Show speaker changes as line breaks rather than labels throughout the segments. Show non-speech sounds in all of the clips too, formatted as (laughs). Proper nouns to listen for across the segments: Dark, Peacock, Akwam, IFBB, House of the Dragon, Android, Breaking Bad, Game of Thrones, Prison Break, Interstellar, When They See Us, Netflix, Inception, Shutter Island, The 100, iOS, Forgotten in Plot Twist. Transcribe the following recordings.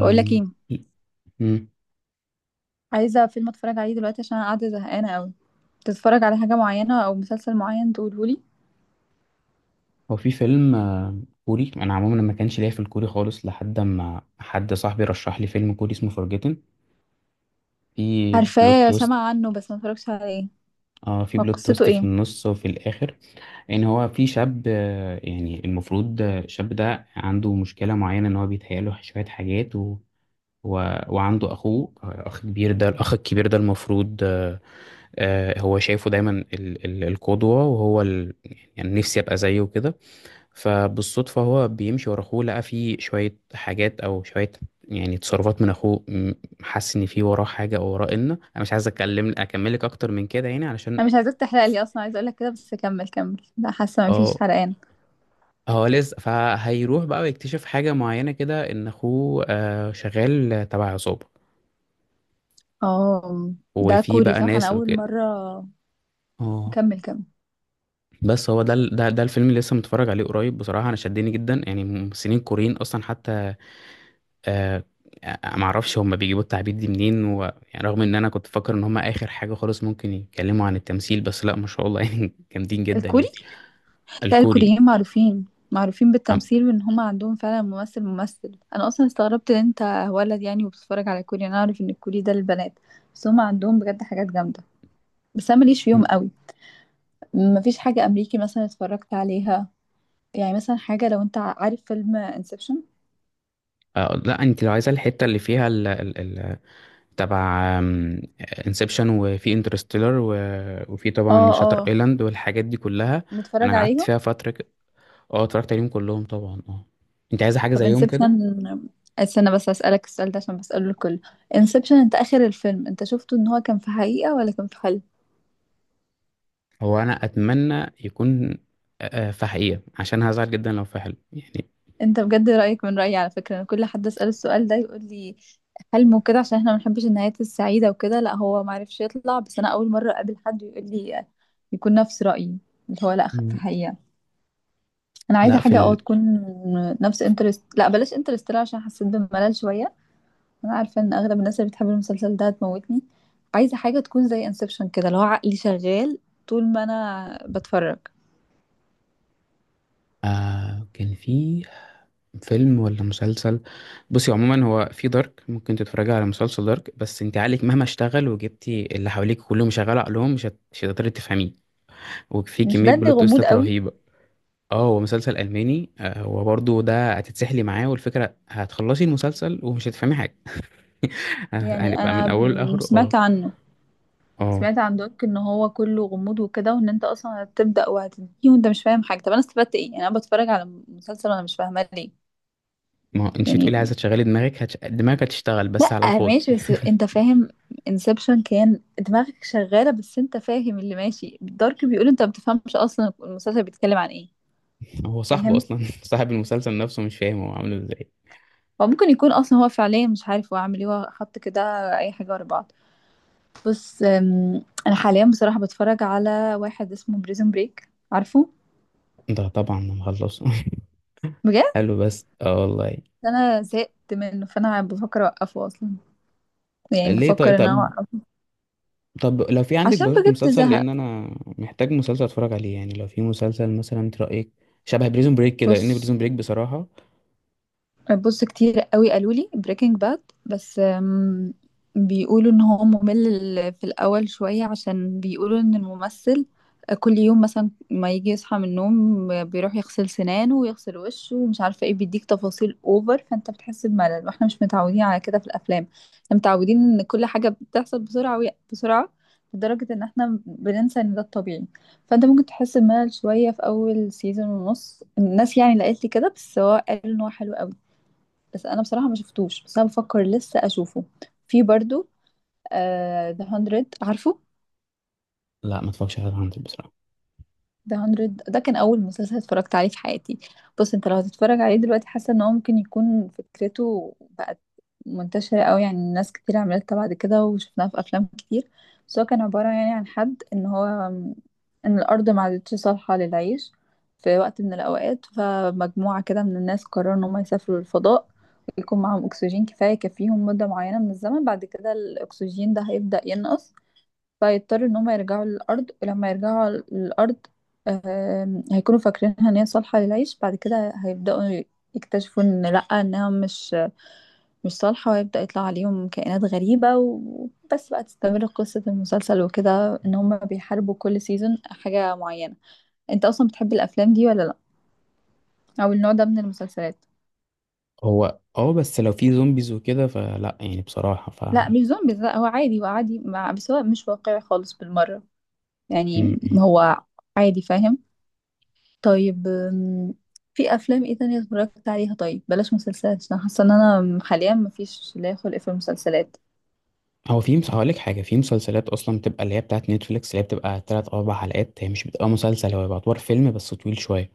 بقول لك ايه؟
مم.
عايزه فيلم اتفرج عليه دلوقتي عشان انا قاعده زهقانه قوي. تتفرج على حاجه معينه او مسلسل معين تقوله لي.
هو في فيلم كوري. انا عموما ما كانش ليا في الكوري خالص، لحد ما حد صاحبي رشح لي فيلم كوري اسمه فورجيتن، في بلوت
عارفاه،
تويست.
سامعه عنه بس ما اتفرجتش عليه.
اه، في
هو
بلوت
قصته
تويست في
ايه؟
النص وفي الاخر. ان هو في شاب، يعني المفروض، الشاب ده عنده مشكله معينه، ان هو بيتهيأله شويه حاجات و... وعنده اخوه، اخ كبير. ده الاخ الكبير ده المفروض، هو شايفه دايما القدوه، وهو يعني نفسي ابقى زيه كده. فبالصدفة هو بيمشي ورا أخوه، لقى فيه شوية حاجات أو شوية، يعني تصرفات من أخوه. حس إن في وراه حاجة أو وراه. إن أنا مش عايز أتكلم، أكملك أكتر من كده يعني، علشان.
انا مش عايزاك تحرق لي، اصلا عايزه اقول لك كده، بس كمل كمل، لا حاسه ما فيش
اه،
حرقان.
هو لسه فهيروح بقى ويكتشف حاجة معينة كده، إن أخوه شغال تبع عصابة،
اه، ده
وفي
كوري
بقى
صح؟ انا
ناس
اول
وكده.
مره.
اه،
كمل كمل.
بس هو ده ال- ده ده الفيلم اللي لسه متفرج عليه قريب. بصراحة أنا شدني جدا. يعني ممثلين كوريين أصلا، حتى آه ما اعرفش هم بيجيبوا التعبير دي منين يعني. رغم ان انا كنت فاكر ان هم اخر حاجه خالص ممكن يتكلموا عن التمثيل، بس لا ما شاء الله (laughs) يعني جامدين جدا
الكوري.
يعني.
لا،
الكوري.
الكوريين معروفين
عم...
بالتمثيل وان هم عندهم فعلا ممثل. انا اصلا استغربت ان انت ولد يعني وبتتفرج على كوري. انا اعرف ان الكوري ده للبنات، بس هم عندهم بجد حاجات جامده. بس انا ماليش فيهم
م-
قوي. مفيش حاجة أمريكي مثلا اتفرجت عليها. يعني مثلا حاجة، لو أنت عارف فيلم انسبشن.
آه لا، انت لو عايزه الحته اللي فيها تبع انسبشن، وفي انترستيلر، وفي طبعا
اه،
شاتر
اه.
ايلاند والحاجات دي كلها.
متفرج
انا قعدت
عليهم.
فيها فتره اه، اتفرجت عليهم كلهم طبعا، اه. انت عايزه حاجه
طب
زيهم كده؟
انسبشن. استنى بس أسألك السؤال ده عشان بسأله الكل. انسبشن أنت آخر الفيلم أنت شفته إن هو كان في حقيقة ولا كان في حلم؟
هو انا اتمنى يكون، فحقيقة، عشان هزعل جدا لو فحل يعني.
أنت بجد رأيك من رأيي، على فكرة أنا كل حد أسأله السؤال ده يقول لي حلم وكده عشان احنا ما بنحبش النهايات السعيدة، وكده لا هو معرفش يطلع، بس أنا أول مرة أقابل حد يقول لي يكون نفس رأيي، اللي هو لا، في
مم.
حقيقة. انا عايزه
لا،
حاجه تكون نفس انترست، لا بلاش انترستيلر عشان حسيت بملل شويه. انا عارفه ان اغلب الناس اللي بتحب المسلسل ده هتموتني. عايزه حاجه تكون زي انسبشن كده، اللي هو عقلي شغال طول ما انا بتفرج.
كان في فيلم ولا مسلسل؟ بصي، عموما هو في دارك، ممكن تتفرجي على مسلسل دارك. بس انت عقلك مهما اشتغل، وجبتي اللي حواليك كلهم شغال عقلهم، مش هتقدري تفهميه. وفي
مش
كمية
ده اللي
بلوت
غموض
تويستات
قوي؟
رهيبة. اه، هو مسلسل ألماني. هو برضه ده هتتسحلي معاه، والفكرة هتخلصي المسلسل ومش هتفهمي حاجة. (laughs)
يعني
هنبقى
انا
من أوله لآخره،
سمعت
اه.
عنه.
اه،
سمعت عن دوك ان هو كله غموض وكده، وان انت اصلا هتبدا وهتنتهي وانت مش فاهم حاجه. طب انا استفدت ايه يعني؟ انا بتفرج على مسلسل وانا مش فاهمه ليه؟
ما انت
يعني
تقولي عايزة تشغلي دماغك. دماغك هتشتغل بس على
لا
الفاضي.
ماشي، بس انت فاهم، انسبشن كان دماغك شغالة بس انت فاهم اللي ماشي، دارك بيقول انت ما بتفهمش اصلا المسلسل بيتكلم عن ايه.
هو صاحبه
فاهم.
اصلا (laughs) صاحب المسلسل نفسه مش فاهم هو عامله ازاي.
هو ممكن يكون اصلا هو فعليا مش عارف هو عامل ايه، هو حط كده اي حاجة ورا بعض. بس انا حاليا بصراحة بتفرج على واحد اسمه بريزون بريك، عارفه؟
ده طبعا انا مخلصه. (laughs)
بجد؟
حلو، بس اه، والله.
انا زهقت منه، فانا بفكر اوقفه اصلا. يعني
ليه؟
بفكر
طيب،
ان انا
طب.
اوقفه
طب لو في عندك
عشان
برضه
بجد
مسلسل،
زهق.
لان انا محتاج مسلسل اتفرج عليه. يعني لو في مسلسل مثلا، انت رايك شبه بريزون بريك كده؟ لان
بص.
بريزون بريك بصراحه.
بص كتير قوي قالوا لي بريكنج باد، بس بيقولوا ان هو ممل في الاول شوية، عشان بيقولوا ان الممثل كل يوم مثلا ما يجي يصحى من النوم بيروح يغسل سنانه ويغسل وشه ومش عارفة ايه، بيديك تفاصيل اوفر فانت بتحس بملل، واحنا مش متعودين على كده في الافلام. احنا متعودين ان كل حاجة بتحصل بسرعة بسرعة، لدرجة ان احنا بننسى ان ده الطبيعي. فانت ممكن تحس بملل شوية في اول سيزون ونص، الناس يعني اللي قالت لي كده، بس هو قال ان هو حلو. بس انا بصراحه ما شفتوش، بس انا بفكر لسه اشوفه. في برضو ذا 100، عارفه؟
لا، ما اتفرجش على هانتر بصراحه.
ده 100 ده كان اول مسلسل اتفرجت عليه في حياتي. بص انت لو هتتفرج عليه دلوقتي، حاسه ان هو ممكن يكون فكرته بقت منتشره قوي، يعني ناس كتير عملتها بعد كده وشفناها في افلام كتير. بس هو كان عباره يعني عن حد ان هو ان الارض ما عادتش صالحه للعيش في وقت من الاوقات، فمجموعه كده من الناس قرروا ان هم يسافروا للفضاء، ويكون معاهم اكسجين كفايه يكفيهم مده معينه من الزمن، بعد كده الاكسجين ده هيبدا ينقص، فيضطر ان هم يرجعوا للارض. ولما يرجعوا على الارض، هيكونوا فاكرينها ان هي صالحه للعيش، بعد كده هيبداوا يكتشفوا ان لا، انها مش صالحه، وهيبدا يطلع عليهم كائنات غريبه. وبس بقى تستمر قصه المسلسل وكده ان هم بيحاربوا كل سيزون حاجه معينه. انت اصلا بتحب الافلام دي ولا لا؟ او النوع ده من المسلسلات؟
هو اه، بس لو في زومبيز وكده فلا، يعني بصراحه. ف م-
لا مش زومبيز، لا هو عادي، هو عادي بس هو مش واقعي خالص بالمره، يعني
م.
هو عادي، فاهم. طيب في افلام ايه تانية اتفرجت عليها؟ طيب بلاش مسلسلات عشان حاسه ان انا حاليا مفيش لا خلق في المسلسلات.
هو في هقول لك حاجه. في مسلسلات اصلا بتبقى، اللي هي بتاعت نتفليكس، اللي هي بتبقى تلات أو اربع حلقات، هي مش بتبقى مسلسل، هو بيبقى اطوار فيلم بس طويل شويه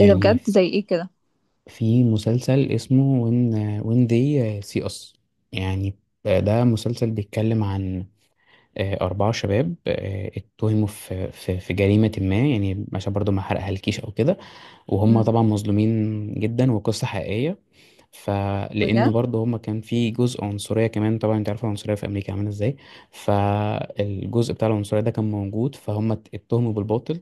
ايه ده بجد؟ زي ايه كده؟
في مسلسل اسمه وين، وين دي سي اس يعني. ده مسلسل بيتكلم عن أربعة شباب، اتهموا في جريمة ما، يعني عشان برضو ما حرقهالكيش أو كده. وهم
امم.
طبعا مظلومين جدا، وقصة حقيقية.
بجد.
فلأنه برضه هم كان في جزء عنصرية كمان. طبعا انت عارف العنصرية في أمريكا عاملة ازاي، فالجزء بتاع العنصرية ده كان موجود. فهم اتهموا بالباطل،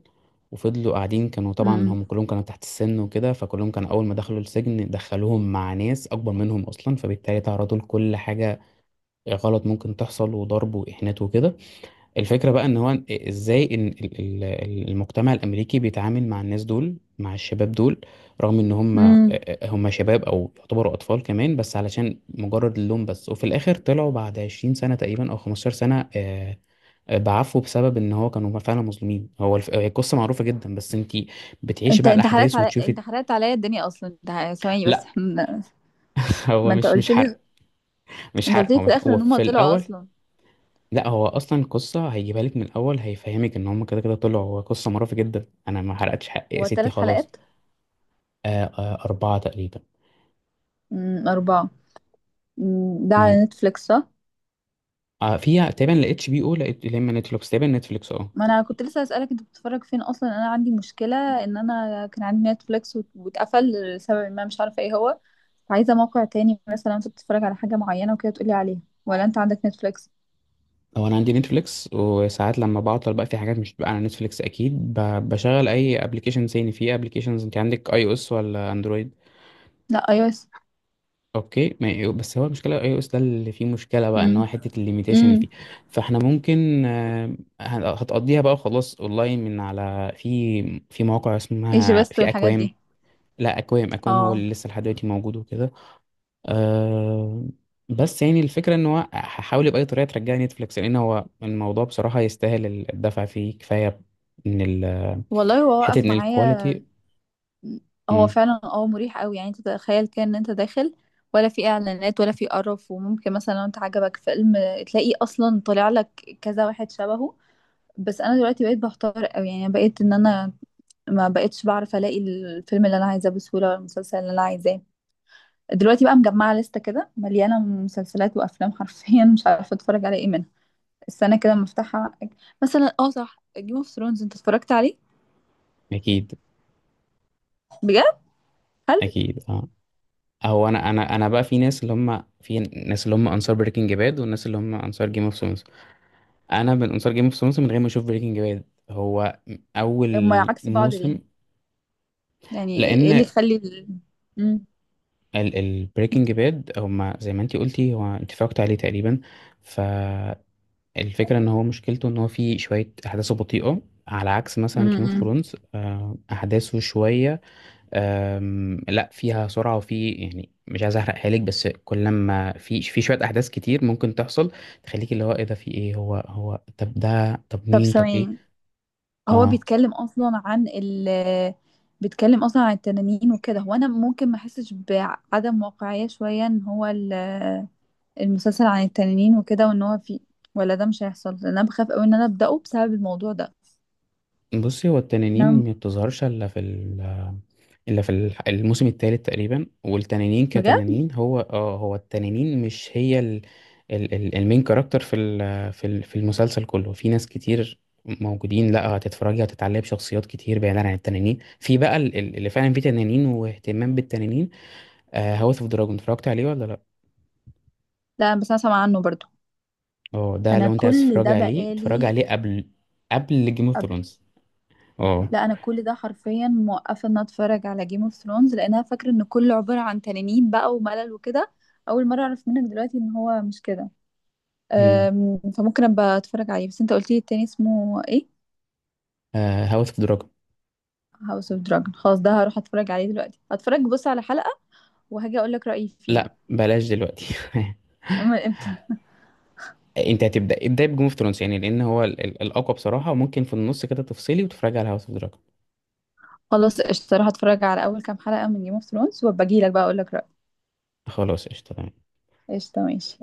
وفضلوا قاعدين. كانوا طبعا
امم.
هم كلهم كانوا تحت السن وكده، فكلهم كانوا أول ما دخلوا السجن دخلوهم مع ناس أكبر منهم أصلا، فبالتالي تعرضوا لكل حاجة غلط ممكن تحصل، وضرب وإهانات وكده. الفكرة بقى ان هو ازاي ان المجتمع الامريكي بيتعامل مع الناس دول، مع الشباب دول، رغم ان هم
امم.
هم شباب او يعتبروا اطفال كمان، بس علشان مجرد اللون بس. وفي الاخر طلعوا بعد 20 سنة تقريبا او 15 سنة، بعفو، بسبب ان هو كانوا فعلا مظلومين. هو هي القصة معروفة جدا، بس انت بتعيشي بقى الاحداث وتشوفي.
انت حرقت عليا الدنيا اصلا، ثواني بس،
لا،
احنا.
(laughs) هو
ما انت
مش
قلت
حرق.
لي،
مش
انت قلت
حرق،
لي
هو
في
مش،
الاخر
هو
ان هم
في
طلعوا
الاول.
اصلا.
لا هو اصلا القصه هيجيبها لك من الاول، هيفهمك ان هم كده كده طلعوا. هو قصه مرعبه جدا. انا ما حرقتش حقي يا
هو
ستي،
ثلاث
خلاص.
حلقات؟
آه آه، اربعه تقريبا.
اربعه. ده
مم.
على نتفليكس صح؟
آه، فيها تقريبا لاتش بي او لقيت لما نتفليكس، تقريبا نتفليكس، اه.
ما انا كنت لسه اسالك انت بتتفرج فين اصلا، انا عندي مشكله ان انا كان عندي نتفليكس واتقفل لسبب ما مش عارفه ايه هو. عايزه موقع تاني، مثلا انت بتتفرج على حاجه معينه وكده تقولي عليها، ولا انت عندك نتفليكس؟
هو انا عندي نتفليكس، وساعات لما بعطل بقى، في حاجات مش بتبقى على نتفليكس، اكيد بشغل اي ابلكيشن تاني في ابلكيشنز. انت عندك اي او اس ولا اندرويد؟
لا، اي او اس.
اوكي، ما هي- أيوه، بس هو المشكله، اي او اس ده اللي فيه مشكله بقى، ان هو
امم.
حته الليميتيشن اللي
امم.
فيه. فاحنا ممكن، هتقضيها بقى خلاص اونلاين، من على في مواقع
ايجي
اسمها،
بيست
في
والحاجات
اكوام.
دي.
لا، اكوام اكوام هو
اه
اللي لسه لحد دلوقتي موجود وكده. آه، بس يعني الفكره، ان هو هحاول باي طريقه ترجع نتفليكس، لان هو الموضوع بصراحه يستاهل الدفع فيه كفايه، ان
والله، هو
حته
وقف
ان
معايا.
الكواليتي،
هو
مم،
فعلا مريح قوي، يعني انت تخيل كده ان انت داخل ولا في اعلانات ولا في قرف، وممكن مثلا لو انت عجبك فيلم تلاقيه اصلا طالع لك كذا واحد شبهه. بس انا دلوقتي بقيت بحتار قوي، يعني بقيت ان انا ما بقيتش بعرف الاقي الفيلم اللي انا عايزاه بسهوله ولا المسلسل اللي انا عايزاه. دلوقتي بقى مجمعه لسته كده مليانه مسلسلات وافلام، حرفيا مش عارفه اتفرج على ايه منها. السنه كده مفتاحها. مثلا اه صح، جيم اوف ثرونز انت اتفرجت عليه؟
اكيد،
بجد؟ هل
اكيد، اه. هو انا بقى في ناس اللي هم انصار بريكنج باد، والناس اللي هم انصار جيم اوف ثرونز. انا من انصار جيم اوف ثرونز من غير ما اشوف بريكنج باد. هو
هما
اول
عكس بعض ليه؟
موسم.
يعني ايه اللي
لان
يخلي مم.
البريكنج باد هم زي ما انتي قلتي، هو انت اتفرجت عليه تقريبا. فالفكره ان هو مشكلته ان هو فيه شويه احداثه بطيئه، على عكس
مم.
مثلا جيم اوف
مم.
ثرونز، احداثه شويه. لا، فيها سرعة. وفي يعني، مش عايز احرق حالك، بس كل ما في شوية احداث كتير ممكن تحصل، تخليك اللي هو ايه ده، في ايه، هو طب ده، طب
طب
مين، طب ايه.
ثواني، هو
اه،
بيتكلم اصلا عن بيتكلم اصلا عن التنانين وكده، هو انا ممكن ما احسش بعدم واقعية شوية ان هو المسلسل عن التنانين وكده، وان هو في، ولا ده مش هيحصل؟ لان انا بخاف قوي ان انا ابداه بسبب الموضوع ده.
بصي هو التنانين
انا.
ما بتظهرش الا في ال إلا في الح- الموسم الثالث تقريبا. والتنانين
بجد.
كتنانين، هو هو التنانين مش هي ال المين كاركتر في المسلسل كله. في ناس كتير موجودين، لا هتتفرجي هتتعلقي بشخصيات كتير بعيدا عن التنانين. في بقى اللي فعلا فيه تنانين واهتمام بالتنانين، هاوس اوف دراجون، اتفرجت عليه ولا لا؟
لا بس انا سامعه عنه برضو.
اه، ده
انا
لو انت عايز
كل
تتفرجي
ده
عليه، اتفرجي
بقالي.
عليه قبل جيم اوف
قبل.
ثرونز. اه.
لا انا كل ده حرفيا موقفه ان أنا اتفرج على جيم اوف ثرونز لان انا فاكره ان كله عباره عن تنانين بقى وملل وكده. اول مره اعرف منك دلوقتي ان هو مش كده. فممكن ابقى اتفرج عليه، بس انت قلت لي التاني اسمه ايه؟
هاوس اوف دراجون؟
هاوس اوف دراجون. خلاص ده هروح اتفرج عليه دلوقتي، هتفرج بص على حلقة وهاجي اقول لك رأيي فيها.
لا بلاش دلوقتي. (laughs)
من امتى؟
انت هتبدا، ابدا بجيم اوف ثرونز يعني، لان هو الاقوى بصراحه. وممكن في النص كده تفصلي وتتفرجي على هاوس اوف دراجون.
خلاص قشطة، هروح اتفرج على اول كام حلقة من جيم اوف ثرونز وابقى اجي لك بقى اقول لك رأيي.
خلاص قشطه، تمام.
قشطة ماشي.